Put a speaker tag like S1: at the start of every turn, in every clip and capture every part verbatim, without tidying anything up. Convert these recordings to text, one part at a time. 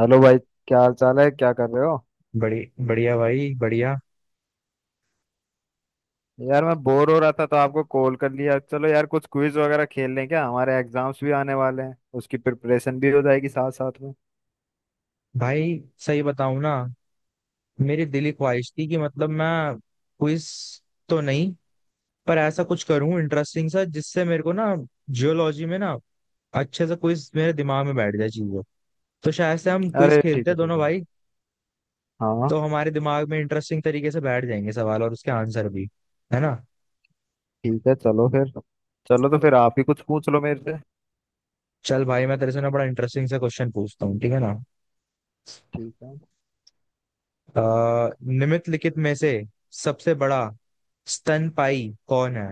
S1: Hello भाई। क्या हाल चाल है, क्या कर रहे हो?
S2: बड़ी बढ़िया भाई बढ़िया।
S1: यार, मैं बोर हो रहा था तो आपको कॉल कर लिया। चलो यार, कुछ क्विज वगैरह खेल लें। क्या हमारे एग्जाम्स भी आने वाले हैं, उसकी प्रिपरेशन भी हो जाएगी साथ साथ में।
S2: भाई सही बताऊं ना, मेरी दिली ख्वाहिश थी कि मतलब मैं क्विज तो नहीं, पर ऐसा कुछ करूं इंटरेस्टिंग सा जिससे मेरे को ना, जियोलॉजी में ना, अच्छे से क्विज मेरे दिमाग में बैठ जाए चीजें। तो शायद से हम क्विज
S1: अरे,
S2: खेलते
S1: ठीक है,
S2: हैं
S1: ठीक
S2: दोनों
S1: है।
S2: भाई,
S1: हाँ।
S2: तो हमारे दिमाग में इंटरेस्टिंग तरीके से बैठ जाएंगे सवाल और उसके आंसर भी। है ना।
S1: ठीक है, चलो फिर। चलो तो फिर आप ही कुछ पूछ लो मेरे से।
S2: चल भाई मैं तेरे से ना बड़ा इंटरेस्टिंग सा क्वेश्चन पूछता हूँ, ठीक है ना।
S1: ठीक है।
S2: अ, निम्नलिखित में से सबसे बड़ा स्तनपायी कौन है।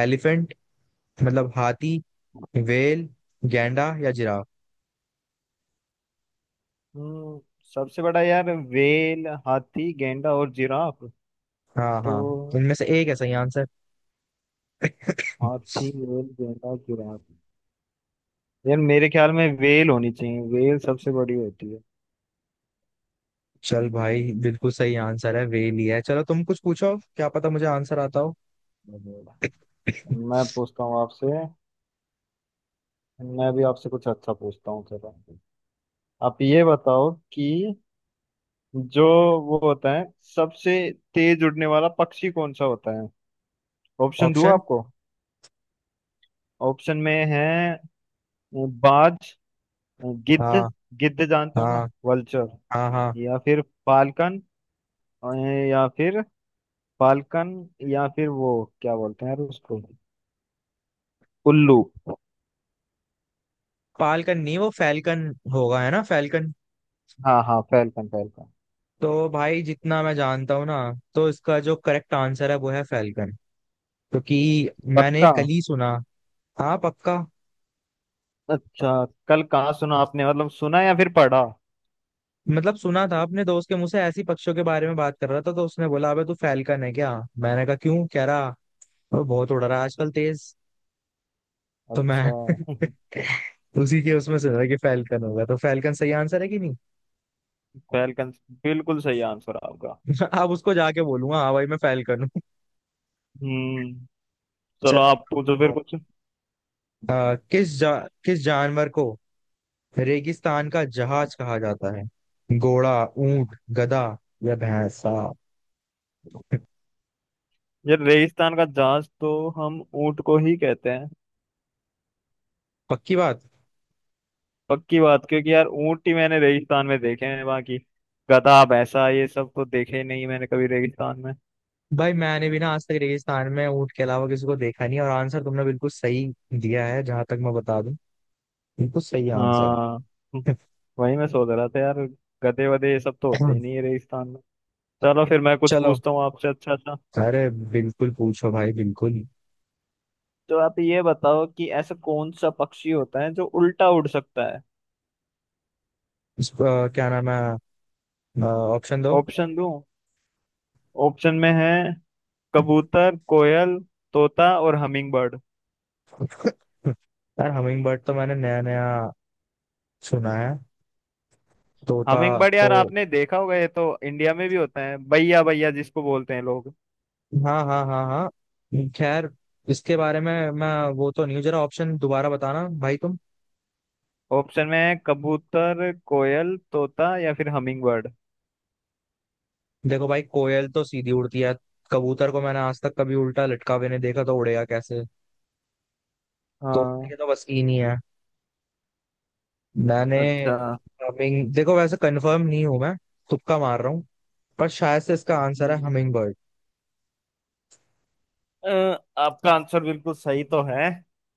S2: एलिफेंट मतलब हाथी, वेल, गैंडा या जिराफ।
S1: हम्म सबसे बड़ा यार, वेल, हाथी, गेंडा और जिराफ?
S2: हाँ हाँ,
S1: तो
S2: इनमें से एक है सही आंसर।
S1: हाथी, वेल, गेंडा और जिराफ। यार, मेरे ख्याल में वेल होनी चाहिए। वेल सबसे बड़ी होती है।
S2: चल भाई, बिल्कुल सही आंसर है, वेल ही है। चलो तुम कुछ पूछो, क्या पता मुझे आंसर आता हो।
S1: मैं पूछता हूँ आपसे। मैं भी आपसे कुछ अच्छा पूछता हूँ, चलो। आप ये बताओ कि जो वो होता है सबसे तेज उड़ने वाला पक्षी, कौन सा होता है? ऑप्शन दूँ
S2: ऑप्शन।
S1: आपको? ऑप्शन में है बाज, गिद्ध।
S2: हाँ
S1: गिद्ध जानते
S2: हाँ
S1: हो ना, वल्चर।
S2: हाँ हाँ।
S1: या फिर फाल्कन। अ, या फिर फाल्कन, या फिर वो क्या बोलते हैं यार उसको, उल्लू।
S2: पालकन नहीं, वो फैल्कन होगा, है ना, फैल्कन।
S1: हाँ, हाँ, फाल्कन, फाल्कन।
S2: तो भाई जितना मैं जानता हूँ ना, तो इसका जो करेक्ट आंसर है वो है फैल्कन, क्योंकि मैंने
S1: पक्का?
S2: कल ही सुना। हाँ पक्का।
S1: अच्छा, कल कहाँ सुना आपने? मतलब, सुना या फिर पढ़ा?
S2: मतलब सुना था अपने दोस्त के मुंह से, ऐसी पक्षियों के बारे में बात कर रहा था, तो उसने बोला अबे तू फैलकन है क्या, मैंने कहा क्यों कह रहा, "वो बहुत उड़ रहा है आजकल तेज, तो मैं
S1: अच्छा।
S2: उसी के उसमें सुना कि फैलकन होगा। तो फैलकन सही आंसर है कि नहीं।
S1: फैलकन, बिल्कुल सही आंसर आपका।
S2: अब उसको जाके बोलूंगा हाँ भाई मैं फैलकन हूँ।
S1: हम्म। चलो,
S2: चलो
S1: आप
S2: मैं
S1: पूछो
S2: पूछता
S1: फिर
S2: हूँ।
S1: कुछ।
S2: अ, किस जा, किस जानवर को रेगिस्तान का जहाज कहा जाता है। घोड़ा, ऊंट, गधा या भैंसा।
S1: यार, रेगिस्तान का जहाज तो हम ऊंट को ही कहते हैं।
S2: पक्की बात।
S1: पक्की बात, क्योंकि यार, ऊंट ही मैंने रेगिस्तान में देखे हैं वहां की। गधा, भैंसा, ये सब तो देखे ही नहीं मैंने कभी रेगिस्तान में।
S2: भाई मैंने भी ना आज तक रेगिस्तान में ऊंट के अलावा किसी को देखा नहीं है, और आंसर तुमने बिल्कुल सही दिया है, जहां तक मैं बता दूं, बिल्कुल सही आंसर
S1: हाँ,
S2: है।
S1: वही मैं सोच रहा था यार। गधे वधे ये सब तो होते ही नहीं है रेगिस्तान में। चलो फिर मैं कुछ
S2: चलो।
S1: पूछता हूँ आपसे। अच्छा, अच्छा।
S2: अरे बिल्कुल पूछो भाई बिल्कुल।
S1: तो आप ये बताओ कि ऐसा कौन सा पक्षी होता है जो उल्टा उड़ सकता है?
S2: इस, अ, क्या नाम है। ऑप्शन दो।
S1: ऑप्शन दूं? ऑप्शन में है कबूतर, कोयल, तोता और हमिंग बर्ड।
S2: यार हमिंग बर्ड तो मैंने नया नया सुना है। तोता।
S1: हमिंग बर्ड
S2: तो
S1: यार, आपने देखा होगा। ये तो इंडिया में भी होता है, बैया बैया जिसको बोलते हैं लोग।
S2: हाँ हाँ हाँ हाँ, खैर इसके बारे में मैं वो तो नहीं हूँ, जरा ऑप्शन दोबारा बताना भाई तुम।
S1: ऑप्शन में है कबूतर, कोयल, तोता या फिर हमिंग बर्ड।
S2: देखो भाई, कोयल तो सीधी उड़ती है। कबूतर को मैंने आज तक कभी उल्टा लटका हुए नहीं देखा, तो उड़ेगा कैसे। तोड़ने
S1: हाँ।
S2: की तो बस की नहीं है मैंने।
S1: अच्छा।
S2: हमिंग देखो, वैसे कंफर्म नहीं हूं मैं, तुक्का मार रहा हूँ, पर शायद से इसका आंसर है
S1: हम्म,
S2: हमिंग बर्ड।
S1: अ, आपका आंसर बिल्कुल सही तो है,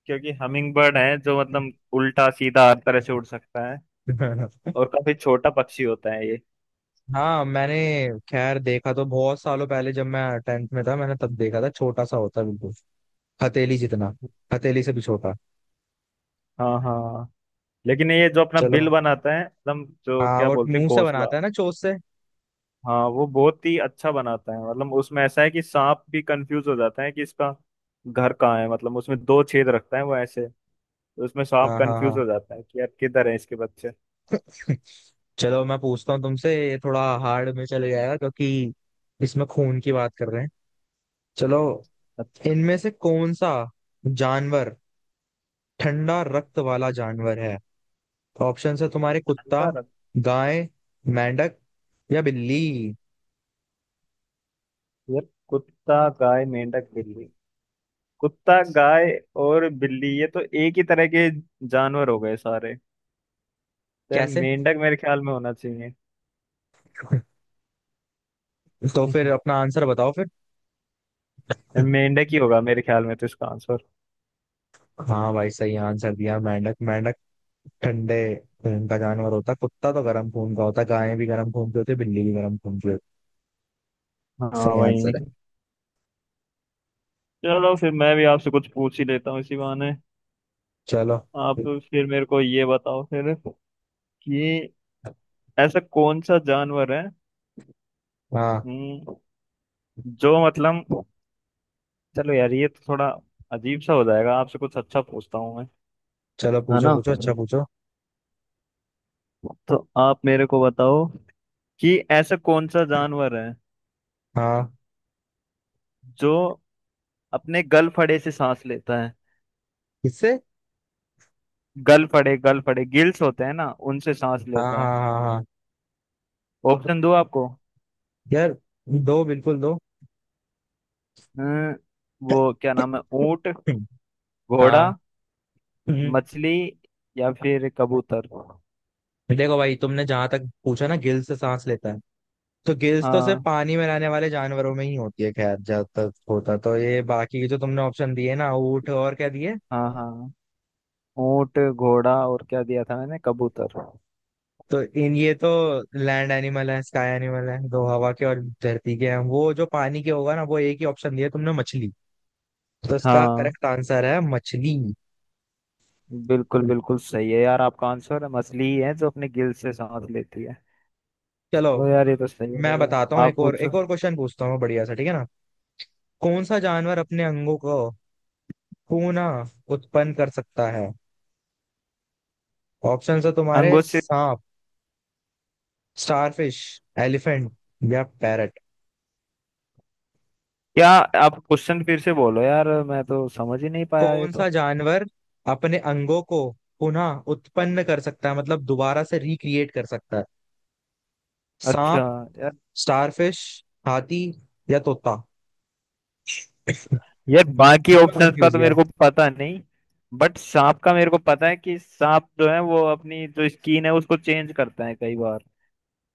S1: क्योंकि हमिंग बर्ड है जो मतलब उल्टा सीधा हर तरह से उड़ सकता है। और काफी छोटा पक्षी होता है ये।
S2: हाँ मैंने खैर देखा तो बहुत सालों पहले, जब मैं टेंथ में था मैंने तब देखा था, छोटा सा होता है बिल्कुल, हथेली जितना, हथेली से भी छोटा।
S1: हाँ, हाँ। लेकिन ये जो अपना
S2: चलो।
S1: बिल बनाता है एकदम, जो
S2: हाँ
S1: क्या
S2: वो
S1: बोलते हैं,
S2: मुंह से बनाता
S1: घोंसला।
S2: है ना, चोंच से।
S1: हाँ, वो बहुत ही अच्छा बनाता है। मतलब, उसमें ऐसा है कि सांप भी कंफ्यूज हो जाता है कि इसका घर कहाँ है। मतलब, उसमें दो छेद रखता है वो ऐसे। तो उसमें सांप
S2: हाँ हाँ
S1: कंफ्यूज
S2: हाँ।
S1: हो जाता है कि यार, किधर है इसके बच्चे।
S2: चलो मैं पूछता हूँ तुमसे, ये थोड़ा हार्ड में चले जाएगा, क्योंकि इसमें खून की बात कर रहे हैं। चलो। इनमें से कौन सा जानवर ठंडा रक्त वाला जानवर है। ऑप्शन है तुम्हारे, कुत्ता,
S1: ठंडा रख।
S2: गाय, मेंढक या बिल्ली।
S1: यार, कुत्ता, गाय, मेंढक, बिल्ली। कुत्ता, गाय और बिल्ली, ये तो एक ही तरह के जानवर हो गए सारे। तो यार,
S2: कैसे।
S1: मेंढक मेरे ख्याल में होना चाहिए।
S2: तो फिर अपना आंसर बताओ फिर।
S1: यार, मेंढक ही होगा मेरे ख्याल में तो इसका आंसर।
S2: हाँ भाई सही आंसर दिया, मेंढक, मेंढक ठंडे खून का जानवर होता है। कुत्ता तो गर्म खून का होता है, गाय भी गर्म खून की होती है, बिल्ली भी गर्म खून की होती है।
S1: हाँ,
S2: सही
S1: वही।
S2: आंसर है।
S1: चलो फिर मैं भी आपसे कुछ पूछ ही लेता हूँ इसी बहाने।
S2: चलो।
S1: आप फिर मेरे को ये बताओ फिर कि ऐसा कौन सा जानवर है,
S2: हाँ।
S1: हम्म, जो मतलब, चलो यार, ये तो थोड़ा अजीब सा हो जाएगा। आपसे कुछ अच्छा पूछता हूँ मैं।
S2: चलो
S1: है
S2: पूछो
S1: ना?
S2: पूछो, अच्छा पूछो।
S1: तो आप मेरे को बताओ कि ऐसा कौन सा जानवर है
S2: हाँ।
S1: जो अपने गल फड़े से सांस लेता है?
S2: किससे।
S1: गल फड़े, गल फड़े, गिल्स होते हैं ना, उनसे सांस
S2: हाँ हाँ
S1: लेता है।
S2: हाँ हाँ।
S1: ऑप्शन दो आपको।
S2: यार दो, बिल्कुल दो।
S1: हम्म, वो क्या नाम है, ऊंट, घोड़ा,
S2: हाँ। हम्म।
S1: मछली या फिर कबूतर।
S2: देखो भाई, तुमने जहां तक पूछा ना गिल्स से सांस लेता है, तो गिल्स तो सिर्फ
S1: हाँ,
S2: पानी में रहने वाले जानवरों में ही होती है। खैर, जब तक होता तो ये बाकी के जो तुमने ऑप्शन दिए ना, ऊँट और क्या दिए,
S1: हाँ, हाँ। ऊंट, घोड़ा और क्या दिया था मैंने, कबूतर।
S2: तो इन ये तो लैंड एनिमल है, स्काई एनिमल है, दो हवा के और धरती के हैं। वो जो पानी के होगा ना, वो एक ही ऑप्शन दिया तुमने, मछली। तो इसका
S1: हाँ,
S2: करेक्ट आंसर है मछली।
S1: बिल्कुल बिल्कुल सही है यार आपका आंसर। मछली ही है जो अपने गिल से सांस लेती है।
S2: चलो
S1: चलो यार, ये तो सही है
S2: मैं
S1: भैया।
S2: बताता हूँ,
S1: आप
S2: एक और,
S1: पूछो।
S2: एक और क्वेश्चन पूछता हूँ बढ़िया सा, ठीक है ना। कौन सा जानवर अपने अंगों को पुनः उत्पन्न कर सकता है। ऑप्शन है तुम्हारे,
S1: अंगूर से।
S2: सांप, स्टारफिश, एलिफेंट या पैरट।
S1: क्या? आप क्वेश्चन फिर से बोलो यार, मैं तो समझ ही नहीं पाया ये
S2: कौन
S1: तो।
S2: सा जानवर अपने अंगों को पुनः उत्पन्न कर सकता है, मतलब दोबारा से रिक्रिएट कर सकता है।
S1: अच्छा
S2: सांप,
S1: यार।
S2: स्टारफिश, हाथी या तोता।
S1: यार, बाकी
S2: इसमें
S1: ऑप्शंस का
S2: कंफ्यूज
S1: तो
S2: है।
S1: मेरे को पता नहीं। बट सांप का मेरे को पता है कि सांप जो है, वो अपनी जो स्किन है उसको चेंज करता है कई बार।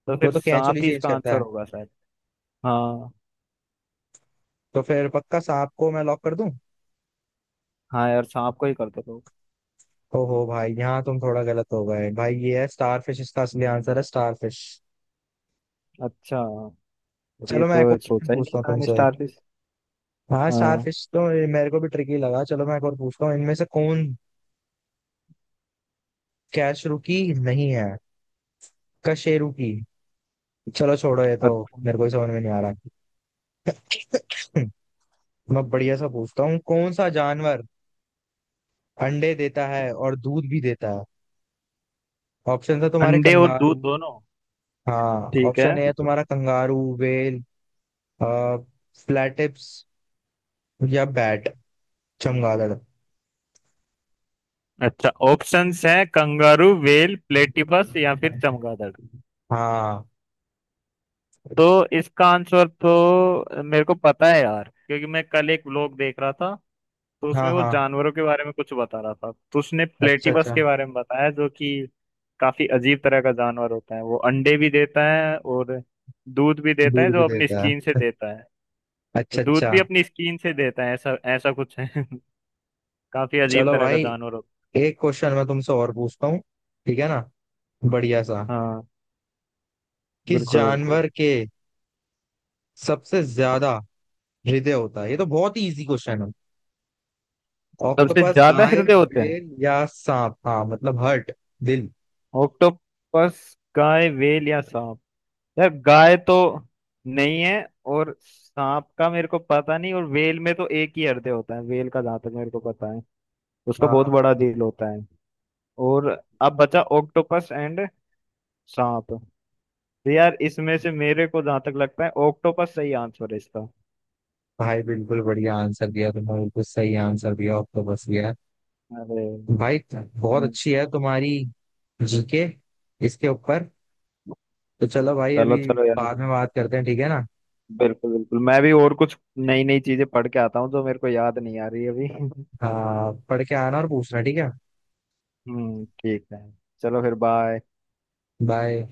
S1: तो
S2: वो
S1: फिर
S2: तो कैंचुली
S1: सांप ही
S2: चेंज
S1: इसका
S2: करता
S1: आंसर
S2: है।
S1: होगा शायद। हाँ,
S2: तो फिर पक्का सांप को मैं लॉक कर दूं।
S1: हाँ यार, सांप को ही करते लोग।
S2: ओहो भाई, यहाँ तुम थोड़ा गलत हो गए भाई, ये है स्टारफिश, इसका असली आंसर है स्टारफिश।
S1: अच्छा यार, ये
S2: चलो मैं
S1: तो
S2: एक और क्वेश्चन
S1: सोचा ही नहीं
S2: पूछता हूँ
S1: था मैंने,
S2: तुमसे।
S1: स्टारफिश।
S2: हाँ
S1: हाँ,
S2: स्टारफिश तो ये मेरे को भी ट्रिकी लगा। चलो मैं एक और पूछता हूँ, इनमें से कौन कैशरू की नहीं है, कशेरू की, चलो छोड़ो ये तो
S1: अच्छा।
S2: मेरे को ही समझ में नहीं आ रहा। मैं बढ़िया सा पूछता हूँ, कौन सा जानवर अंडे देता है और दूध भी देता है। ऑप्शन है तुम्हारे,
S1: अंडे और दूध
S2: कंगारू।
S1: दोनों?
S2: हाँ,
S1: ठीक है।
S2: ऑप्शन ए है तुम्हारा, कंगारू, वेल, फ्लैटिप्स या बैट, चमगादड़।
S1: अच्छा, ऑप्शंस हैं कंगारू, व्हेल, प्लेटिपस या फिर चमगादड़।
S2: हाँ
S1: तो इसका आंसर तो मेरे को पता है यार, क्योंकि मैं कल एक व्लॉग देख रहा था। तो उसमें
S2: हाँ
S1: वो
S2: हाँ,
S1: जानवरों के बारे में कुछ बता रहा था, तो उसने
S2: अच्छा
S1: प्लेटिपस
S2: अच्छा,
S1: के बारे में बताया, जो कि काफी अजीब तरह का जानवर होता है। वो अंडे भी देता है और दूध भी देता है,
S2: दूध भी
S1: जो अपनी
S2: देता
S1: स्किन से
S2: है,
S1: देता है। और
S2: अच्छा
S1: दूध
S2: अच्छा।
S1: भी अपनी स्किन से देता है, ऐसा ऐसा कुछ है। काफी अजीब
S2: चलो
S1: तरह का
S2: भाई,
S1: जानवर होता
S2: एक क्वेश्चन मैं तुमसे और पूछता हूँ, ठीक है ना, बढ़िया सा।
S1: है। हाँ,
S2: किस
S1: बिल्कुल बिल्कुल।
S2: जानवर के सबसे ज्यादा हृदय होता है, ये तो बहुत ही इजी क्वेश्चन है।
S1: सबसे
S2: ऑक्टोपस,
S1: ज्यादा
S2: गाय,
S1: हृदय होते हैं?
S2: बेल या सांप। हाँ मतलब हर्ट, दिल।
S1: ऑक्टोपस, गाय, व्हेल या सांप। यार, गाय तो नहीं है, और सांप का मेरे को पता नहीं, और व्हेल में तो एक ही हृदय होता है व्हेल का, जहां तक मेरे को पता है। उसका बहुत
S2: हाँ
S1: बड़ा दिल होता है। और अब बचा ऑक्टोपस एंड सांप। तो यार, इसमें से मेरे को जहां तक लगता है, ऑक्टोपस सही आंसर है इसका।
S2: भाई, बिल्कुल बढ़िया आंसर दिया तुमने, बिल्कुल सही आंसर दिया, ऑक्टोपस।
S1: अरे।
S2: भाई बहुत
S1: हम्म,
S2: अच्छी है तुम्हारी जीके इसके ऊपर। तो चलो भाई
S1: चलो,
S2: अभी
S1: चलो यार।
S2: बाद में बात करते हैं, ठीक है ना।
S1: बिल्कुल बिल्कुल, मैं भी और कुछ नई नई चीजें पढ़ के आता हूँ जो मेरे को याद नहीं आ रही अभी।
S2: हाँ पढ़ के आना और पूछना, ठीक है।
S1: हम्म, ठीक है। चलो फिर, बाय।
S2: बाय।